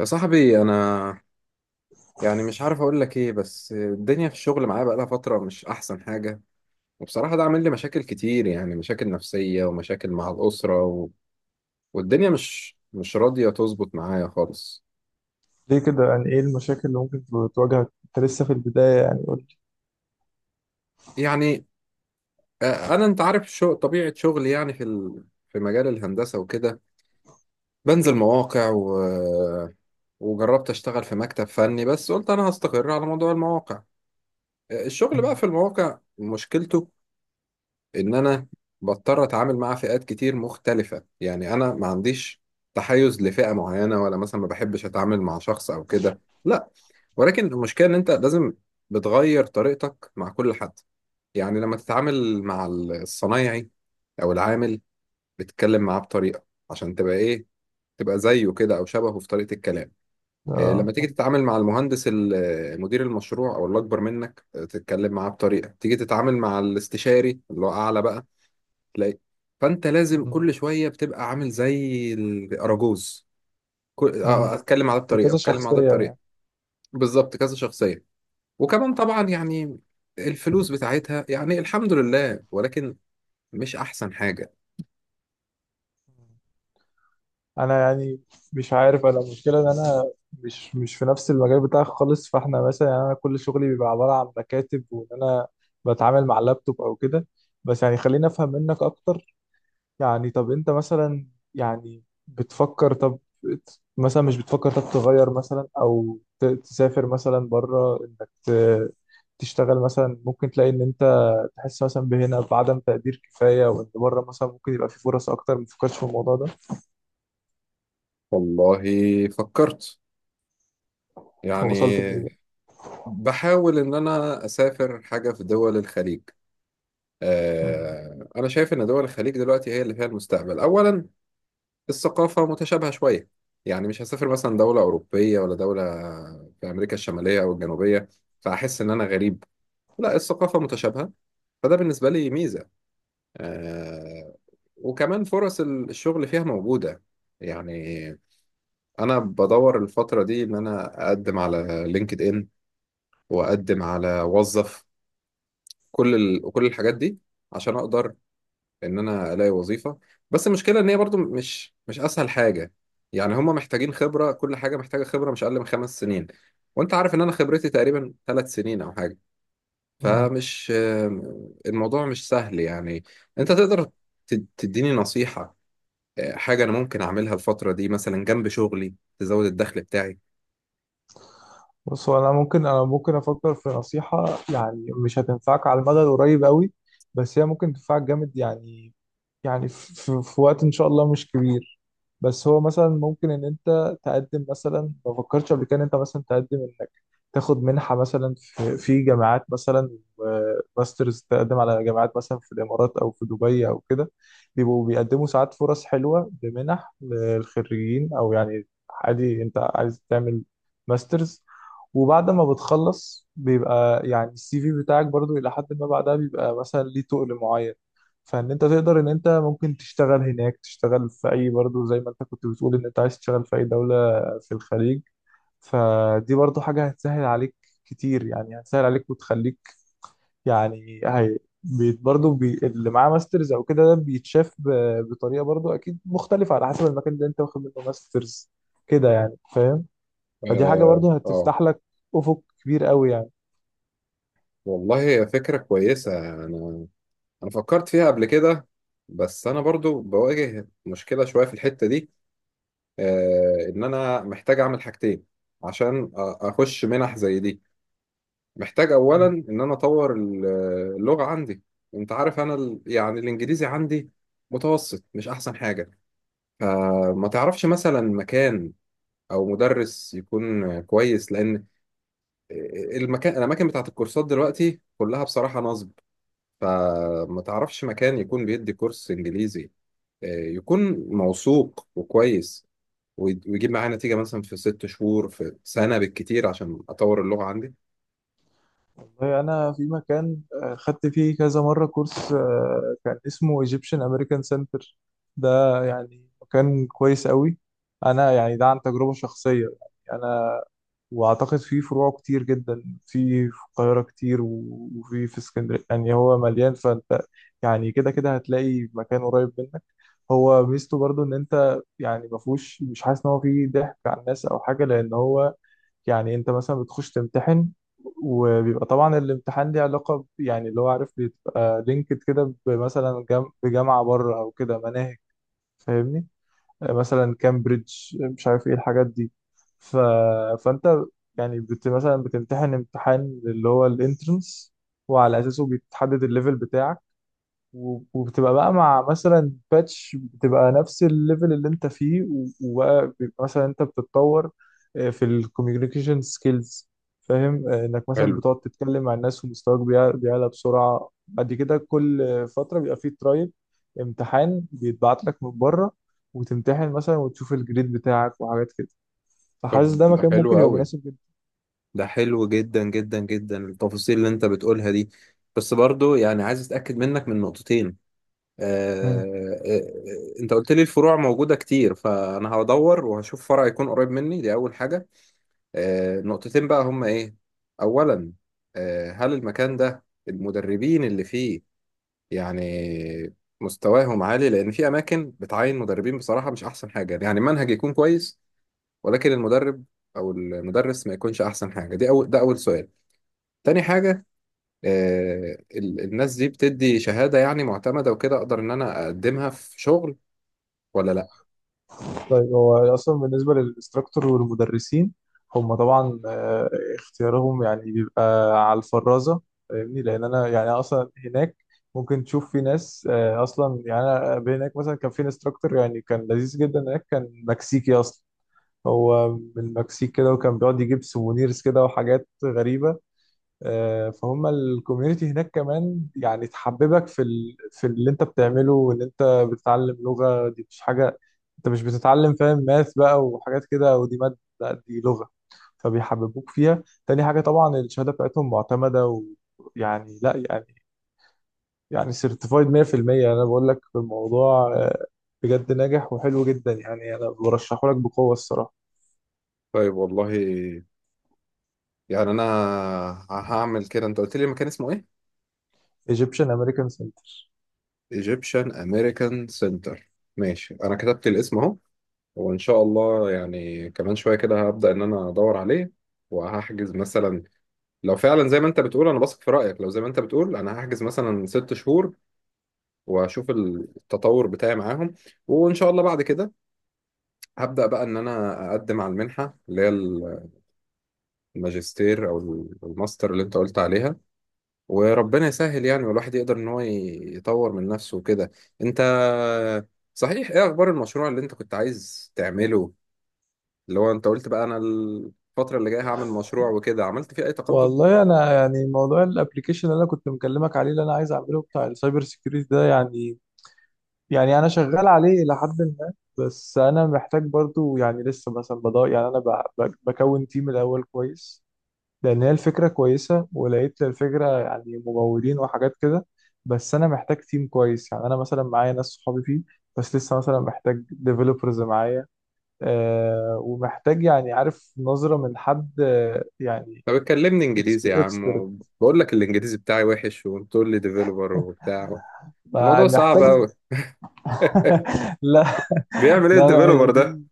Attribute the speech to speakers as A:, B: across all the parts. A: يا صاحبي، انا مش عارف اقول لك ايه، بس الدنيا في الشغل معايا بقالها فتره مش احسن حاجه. وبصراحه ده عامل لي مشاكل كتير، يعني مشاكل نفسيه ومشاكل مع الاسره والدنيا مش راضيه تظبط معايا خالص.
B: ليه كده؟ يعني ايه المشاكل اللي ممكن تواجهك انت لسه في البداية؟ يعني قول لي.
A: يعني انا انت عارف طبيعه شغلي، يعني في مجال الهندسه وكده، بنزل مواقع وجربت اشتغل في مكتب فني، بس قلت انا هستقر على موضوع المواقع. الشغل بقى
B: مم.
A: في المواقع مشكلته ان انا بضطر اتعامل مع فئات كتير مختلفة. يعني انا ما عنديش تحيز لفئة معينة، ولا مثلا ما بحبش اتعامل مع شخص او كده، لا. ولكن المشكلة ان انت لازم بتغير طريقتك مع كل حد. يعني لما تتعامل مع الصنايعي او العامل، بتتكلم معاه بطريقة عشان تبقى ايه، تبقى زيه كده او شبهه في طريقة الكلام. إيه،
B: اه
A: لما تيجي
B: صح.
A: تتعامل مع المهندس مدير المشروع او اللي اكبر منك، تتكلم معاه بطريقة، تيجي تتعامل مع الاستشاري اللي هو اعلى بقى، تلاقي فانت لازم
B: مم.
A: كل شويه بتبقى عامل زي الاراجوز. كل... آه،
B: مم.
A: آه، اتكلم على ده بطريقه،
B: بكذا
A: اتكلم على ده
B: شخصية
A: بطريقه.
B: يعني.
A: بالظبط كذا شخصيه. وكمان طبعا يعني الفلوس بتاعتها يعني الحمد لله، ولكن مش احسن حاجه.
B: انا يعني مش عارف، انا المشكلة ان انا مش في نفس المجال بتاعك خالص، فاحنا مثلا يعني انا كل شغلي بيبقى عبارة عن مكاتب، وان انا بتعامل مع اللابتوب او كده. بس يعني خليني افهم منك اكتر. يعني طب انت مثلا يعني بتفكر، طب مثلا مش بتفكر طب تغير مثلا او تسافر مثلا بره، انك تشتغل مثلا، ممكن تلاقي ان انت تحس مثلا بهنا بعدم تقدير كفاية، وان بره مثلا ممكن يبقى في فرص اكتر. ما تفكرش في الموضوع ده؟
A: والله فكرت،
B: هو وصلت لايه
A: يعني
B: بقى؟
A: بحاول ان انا اسافر حاجه في دول الخليج.
B: مم.
A: انا شايف ان دول الخليج دلوقتي هي اللي فيها المستقبل. اولا، الثقافة متشابهة شوية، يعني مش هسافر مثلا دولة أوروبية ولا دولة في أمريكا الشمالية أو الجنوبية فأحس إن أنا غريب. لا، الثقافة متشابهة، فده بالنسبة لي ميزة. آه. وكمان فرص الشغل فيها موجودة. يعني أنا بدور الفترة دي إن أنا أقدم على لينكد إن، وأقدم على وظف، كل الحاجات دي، عشان أقدر ان انا الاقي وظيفه. بس المشكله ان هي برضو مش اسهل حاجه. يعني هم محتاجين خبره، كل حاجه محتاجه خبره مش اقل من 5 سنين. وانت عارف ان انا خبرتي تقريبا 3 سنين او حاجه.
B: مم.
A: فمش آم، الموضوع مش سهل يعني. انت تقدر تديني نصيحه، حاجه انا ممكن اعملها الفتره دي مثلا جنب شغلي تزود الدخل بتاعي؟
B: بص، هو انا ممكن افكر في نصيحة، يعني مش هتنفعك على المدى القريب قوي، بس هي ممكن تنفعك جامد يعني. يعني في وقت ان شاء الله مش كبير. بس هو مثلا ممكن ان انت تقدم، مثلا ما فكرتش قبل كده ان انت مثلا تقدم انك تاخد منحة مثلا في جامعات مثلا، وماسترز، تقدم على جامعات مثلا في الامارات او في دبي او كده. بيبقوا بيقدموا ساعات فرص حلوة لمنح للخريجين، او يعني عادي انت عايز تعمل ماسترز، وبعد ما بتخلص بيبقى يعني السي في بتاعك برضو الى حد ما بعدها بيبقى مثلا ليه تقل معين. فان انت تقدر ان انت ممكن تشتغل هناك، تشتغل في اي برضو زي ما انت كنت بتقول ان انت عايز تشتغل في اي دولة في الخليج. فدي برضو حاجة هتسهل عليك كتير يعني، هتسهل عليك وتخليك يعني. هي برضو بي اللي معاه ماسترز او كده، ده بيتشاف بطريقة برضو اكيد مختلفة على حسب المكان اللي انت واخد منه ماسترز، كده يعني، فاهم؟ فدي حاجة
A: اه،
B: برضو
A: آه.
B: هتفتح لك افق كبير قوي يعني.
A: والله هي فكره كويسه. انا انا فكرت فيها قبل كده، بس انا برضو بواجه مشكله شويه في الحته دي. ان انا محتاج اعمل حاجتين عشان اخش منح زي دي. محتاج اولا
B: مم.
A: ان انا اطور اللغه عندي. انت عارف انا يعني الانجليزي عندي متوسط، مش احسن حاجه. فما تعرفش مثلا مكان او مدرس يكون كويس، لان الاماكن بتاعت الكورسات دلوقتي كلها بصراحه نصب. فما تعرفش مكان يكون بيدي كورس انجليزي، يكون موثوق وكويس، ويجيب معايا نتيجة مثلا في 6 شهور في سنة بالكتير، عشان أطور اللغة عندي.
B: والله أنا في مكان خدت فيه كذا مرة كورس، كان اسمه Egyptian American Center. ده يعني مكان كويس قوي. أنا يعني ده عن تجربة شخصية يعني، أنا وأعتقد فيه فروع كتير جدا، في القاهرة كتير وفي اسكندرية، يعني هو مليان، فأنت يعني كده كده هتلاقي مكان قريب منك. هو ميزته برضو إن أنت يعني مفهوش، مش حاسس إن هو فيه ضحك على الناس أو حاجة، لأن هو يعني انت مثلا بتخش تمتحن، وبيبقى طبعا الامتحان ليه علاقة يعني اللي هو عارف بيبقى لينكد كده مثلا بجامعة بره او كده مناهج، فاهمني؟ مثلا كامبريدج، مش عارف ايه الحاجات دي. ف... فانت يعني مثلا بتمتحن امتحان اللي هو الانترنس، وعلى اساسه بيتحدد الليفل بتاعك، وبتبقى بقى مع مثلا باتش، بتبقى نفس الليفل اللي انت فيه، وبقى بيبقى مثلا انت بتتطور في الكوميونيكيشن سكيلز، فاهم؟ انك مثلا
A: حلو.
B: بتقعد تتكلم مع الناس ومستواك بيعلى بسرعة، بعد كده كل فترة بيبقى فيه ترايل، امتحان بيتبعت لك من بره، وتمتحن مثلا وتشوف الجريد بتاعك وحاجات كده. فحاسس
A: طب
B: ده
A: ده
B: مكان
A: حلو
B: ممكن يبقى
A: قوي،
B: مناسب
A: ده حلو جدا جدا جدا التفاصيل اللي انت بتقولها دي. بس برضو يعني عايز اتاكد منك من نقطتين. آه.
B: جدا.
A: آه. انت قلت لي الفروع موجوده كتير، فانا هدور وهشوف فرع يكون قريب مني، دي اول حاجه. آه، نقطتين بقى هما ايه. اولا، آه، هل المكان ده المدربين اللي فيه يعني مستواهم عالي؟ لان في اماكن بتعين مدربين بصراحه مش احسن حاجه، يعني المنهج يكون كويس ولكن المدرب او المدرس ما يكونش احسن حاجه. دي اول ده اول سؤال. تاني حاجه، آه، الناس دي بتدي شهاده يعني معتمده، وكده اقدر ان انا اقدمها في شغل ولا لا؟
B: طيب هو اصلا بالنسبه للانستراكتور والمدرسين، هم طبعا اختيارهم يعني بيبقى على الفرازه، فاهمني؟ لان انا يعني اصلا هناك ممكن تشوف في ناس، اصلا يعني انا هناك مثلا كان في انستراكتور يعني كان لذيذ جدا، هناك كان مكسيكي اصلا، هو من المكسيك كده، وكان بيقعد يجيب سوفونيرز كده وحاجات غريبه. فهم الكوميونتي هناك كمان يعني تحببك في اللي انت بتعمله، وان انت بتتعلم لغة، دي مش حاجة انت مش بتتعلم فاهم ماث بقى وحاجات كده، ودي مادة، لا، دي لغة، فبيحببوك فيها. تاني حاجة، طبعا الشهادة بتاعتهم معتمدة، ويعني لا يعني، يعني سيرتيفايد 100%. انا بقول لك في الموضوع بجد ناجح وحلو جدا يعني، انا برشحه لك بقوة الصراحة.
A: طيب، والله يعني انا هعمل كده. انت قلت لي المكان اسمه ايه؟
B: Egyptian American Center.
A: Egyptian American Center. ماشي. انا كتبت الاسم اهو. وإن شاء الله يعني كمان شوية كده هبدأ إن أنا أدور عليه وهحجز مثلا. لو فعلا زي ما أنت بتقول، أنا بثق في رأيك، لو زي ما أنت بتقول أنا هحجز مثلا 6 شهور وأشوف التطور بتاعي معاهم. وإن شاء الله بعد كده هبدأ بقى إن أنا أقدم على المنحة اللي هي الماجستير أو الماستر اللي أنت قلت عليها. وربنا يسهل يعني، والواحد يقدر إن هو يطور من نفسه وكده. أنت، صحيح، إيه أخبار المشروع اللي أنت كنت عايز تعمله، اللي هو انت قلت بقى انا الفترة اللي جاية هعمل مشروع وكده؟ عملت فيه اي تقدم؟
B: والله انا يعني موضوع الابلكيشن اللي انا كنت مكلمك عليه، اللي انا عايز اعمله بتاع السايبر سيكيورتي ده، يعني يعني انا شغال عليه الى حد ما، بس انا محتاج برضو يعني لسه مثلا بدور، يعني انا بكون تيم الاول كويس. لان هي الفكره كويسه، ولقيت الفكره يعني ممولين وحاجات كده، بس انا محتاج تيم كويس. يعني انا مثلا معايا ناس صحابي فيه، بس لسه مثلا محتاج ديفلوبرز معايا. آه، ومحتاج يعني عارف نظره من حد، يعني
A: طب اتكلمني انجليزي يا عم، بقول لك الانجليزي بتاعي وحش وبتقول لي ديفيلوبر وبتاع.
B: ما
A: الموضوع صعب
B: محتاج
A: قوي.
B: لا.
A: بيعمل ايه
B: لا هي
A: الديفيلوبر ده؟
B: دي،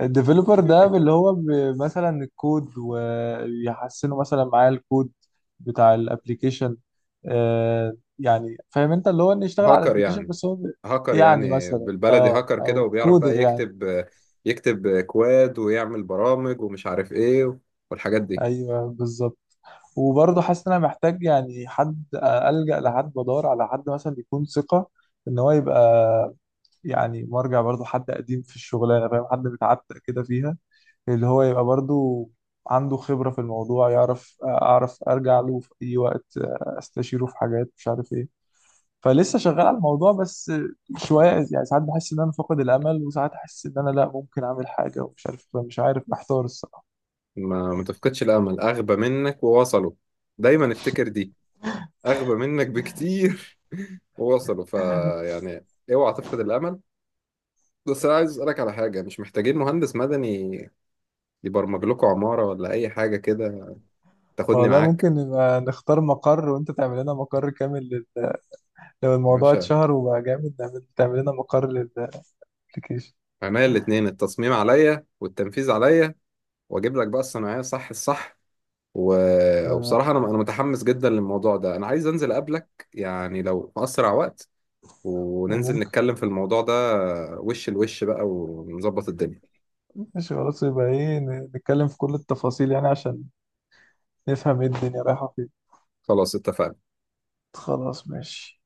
B: الديفلوبر ده اللي هو مثلا الكود، ويحسنوا مثلا معاه الكود بتاع الابليكيشن. آه، يعني فاهم انت اللي هو انه يشتغل على
A: هاكر
B: الابليكيشن،
A: يعني؟
B: بس هو
A: هاكر
B: يعني
A: يعني
B: مثلا
A: بالبلدي،
B: اه،
A: هاكر كده
B: او
A: وبيعرف
B: كودر
A: بقى
B: يعني.
A: يكتب، يكتب كواد ويعمل برامج ومش عارف ايه والحاجات دي.
B: ايوه بالظبط. وبرضه حاسس ان انا محتاج يعني حد الجأ لحد، بدور على حد مثلا يكون ثقة، ان هو يبقى يعني مرجع، برضه حد قديم في الشغلانه، فاهم؟ حد متعتق كده فيها، اللي هو يبقى برضو عنده خبرة في الموضوع، يعرف، أعرف أرجع له في أي وقت، أستشيره في حاجات مش عارف إيه. فلسه شغال على الموضوع بس شوية يعني. ساعات بحس إن أنا فاقد الأمل، وساعات أحس إن أنا لأ ممكن أعمل حاجة، ومش عارف، مش عارف، محتار الصراحة.
A: ما تفقدش الامل، اغبى منك ووصلوا. دايما افتكر دي، اغبى منك بكتير ووصلوا، فيعني اوعى تفقد الامل. بس انا عايز اسالك على حاجه. مش محتاجين مهندس مدني يبرمج لكم عماره ولا اي حاجه كده؟ تاخدني
B: والله ممكن
A: معاك؟
B: نبقى نختار مقر وأنت تعمل لنا مقر كامل لل... لو
A: يا
B: الموضوع
A: باشا،
B: اتشهر وبقى جامد نعمل، تعمل لنا مقر للأبلكيشن
A: عينيا الاتنين، التصميم عليا والتنفيذ عليا، واجيب لك بقى الصناعيه صح الصح و...
B: آه،
A: وبصراحه انا متحمس جدا للموضوع ده، انا عايز انزل اقابلك يعني لو في اسرع وقت وننزل
B: وممكن،
A: نتكلم في الموضوع ده وش لوش بقى ونظبط الدنيا.
B: ماشي خلاص، يبقى إيه؟ نتكلم في كل التفاصيل يعني عشان نفهم إيه الدنيا رايحة فين.
A: خلاص، اتفقنا.
B: خلاص ماشي.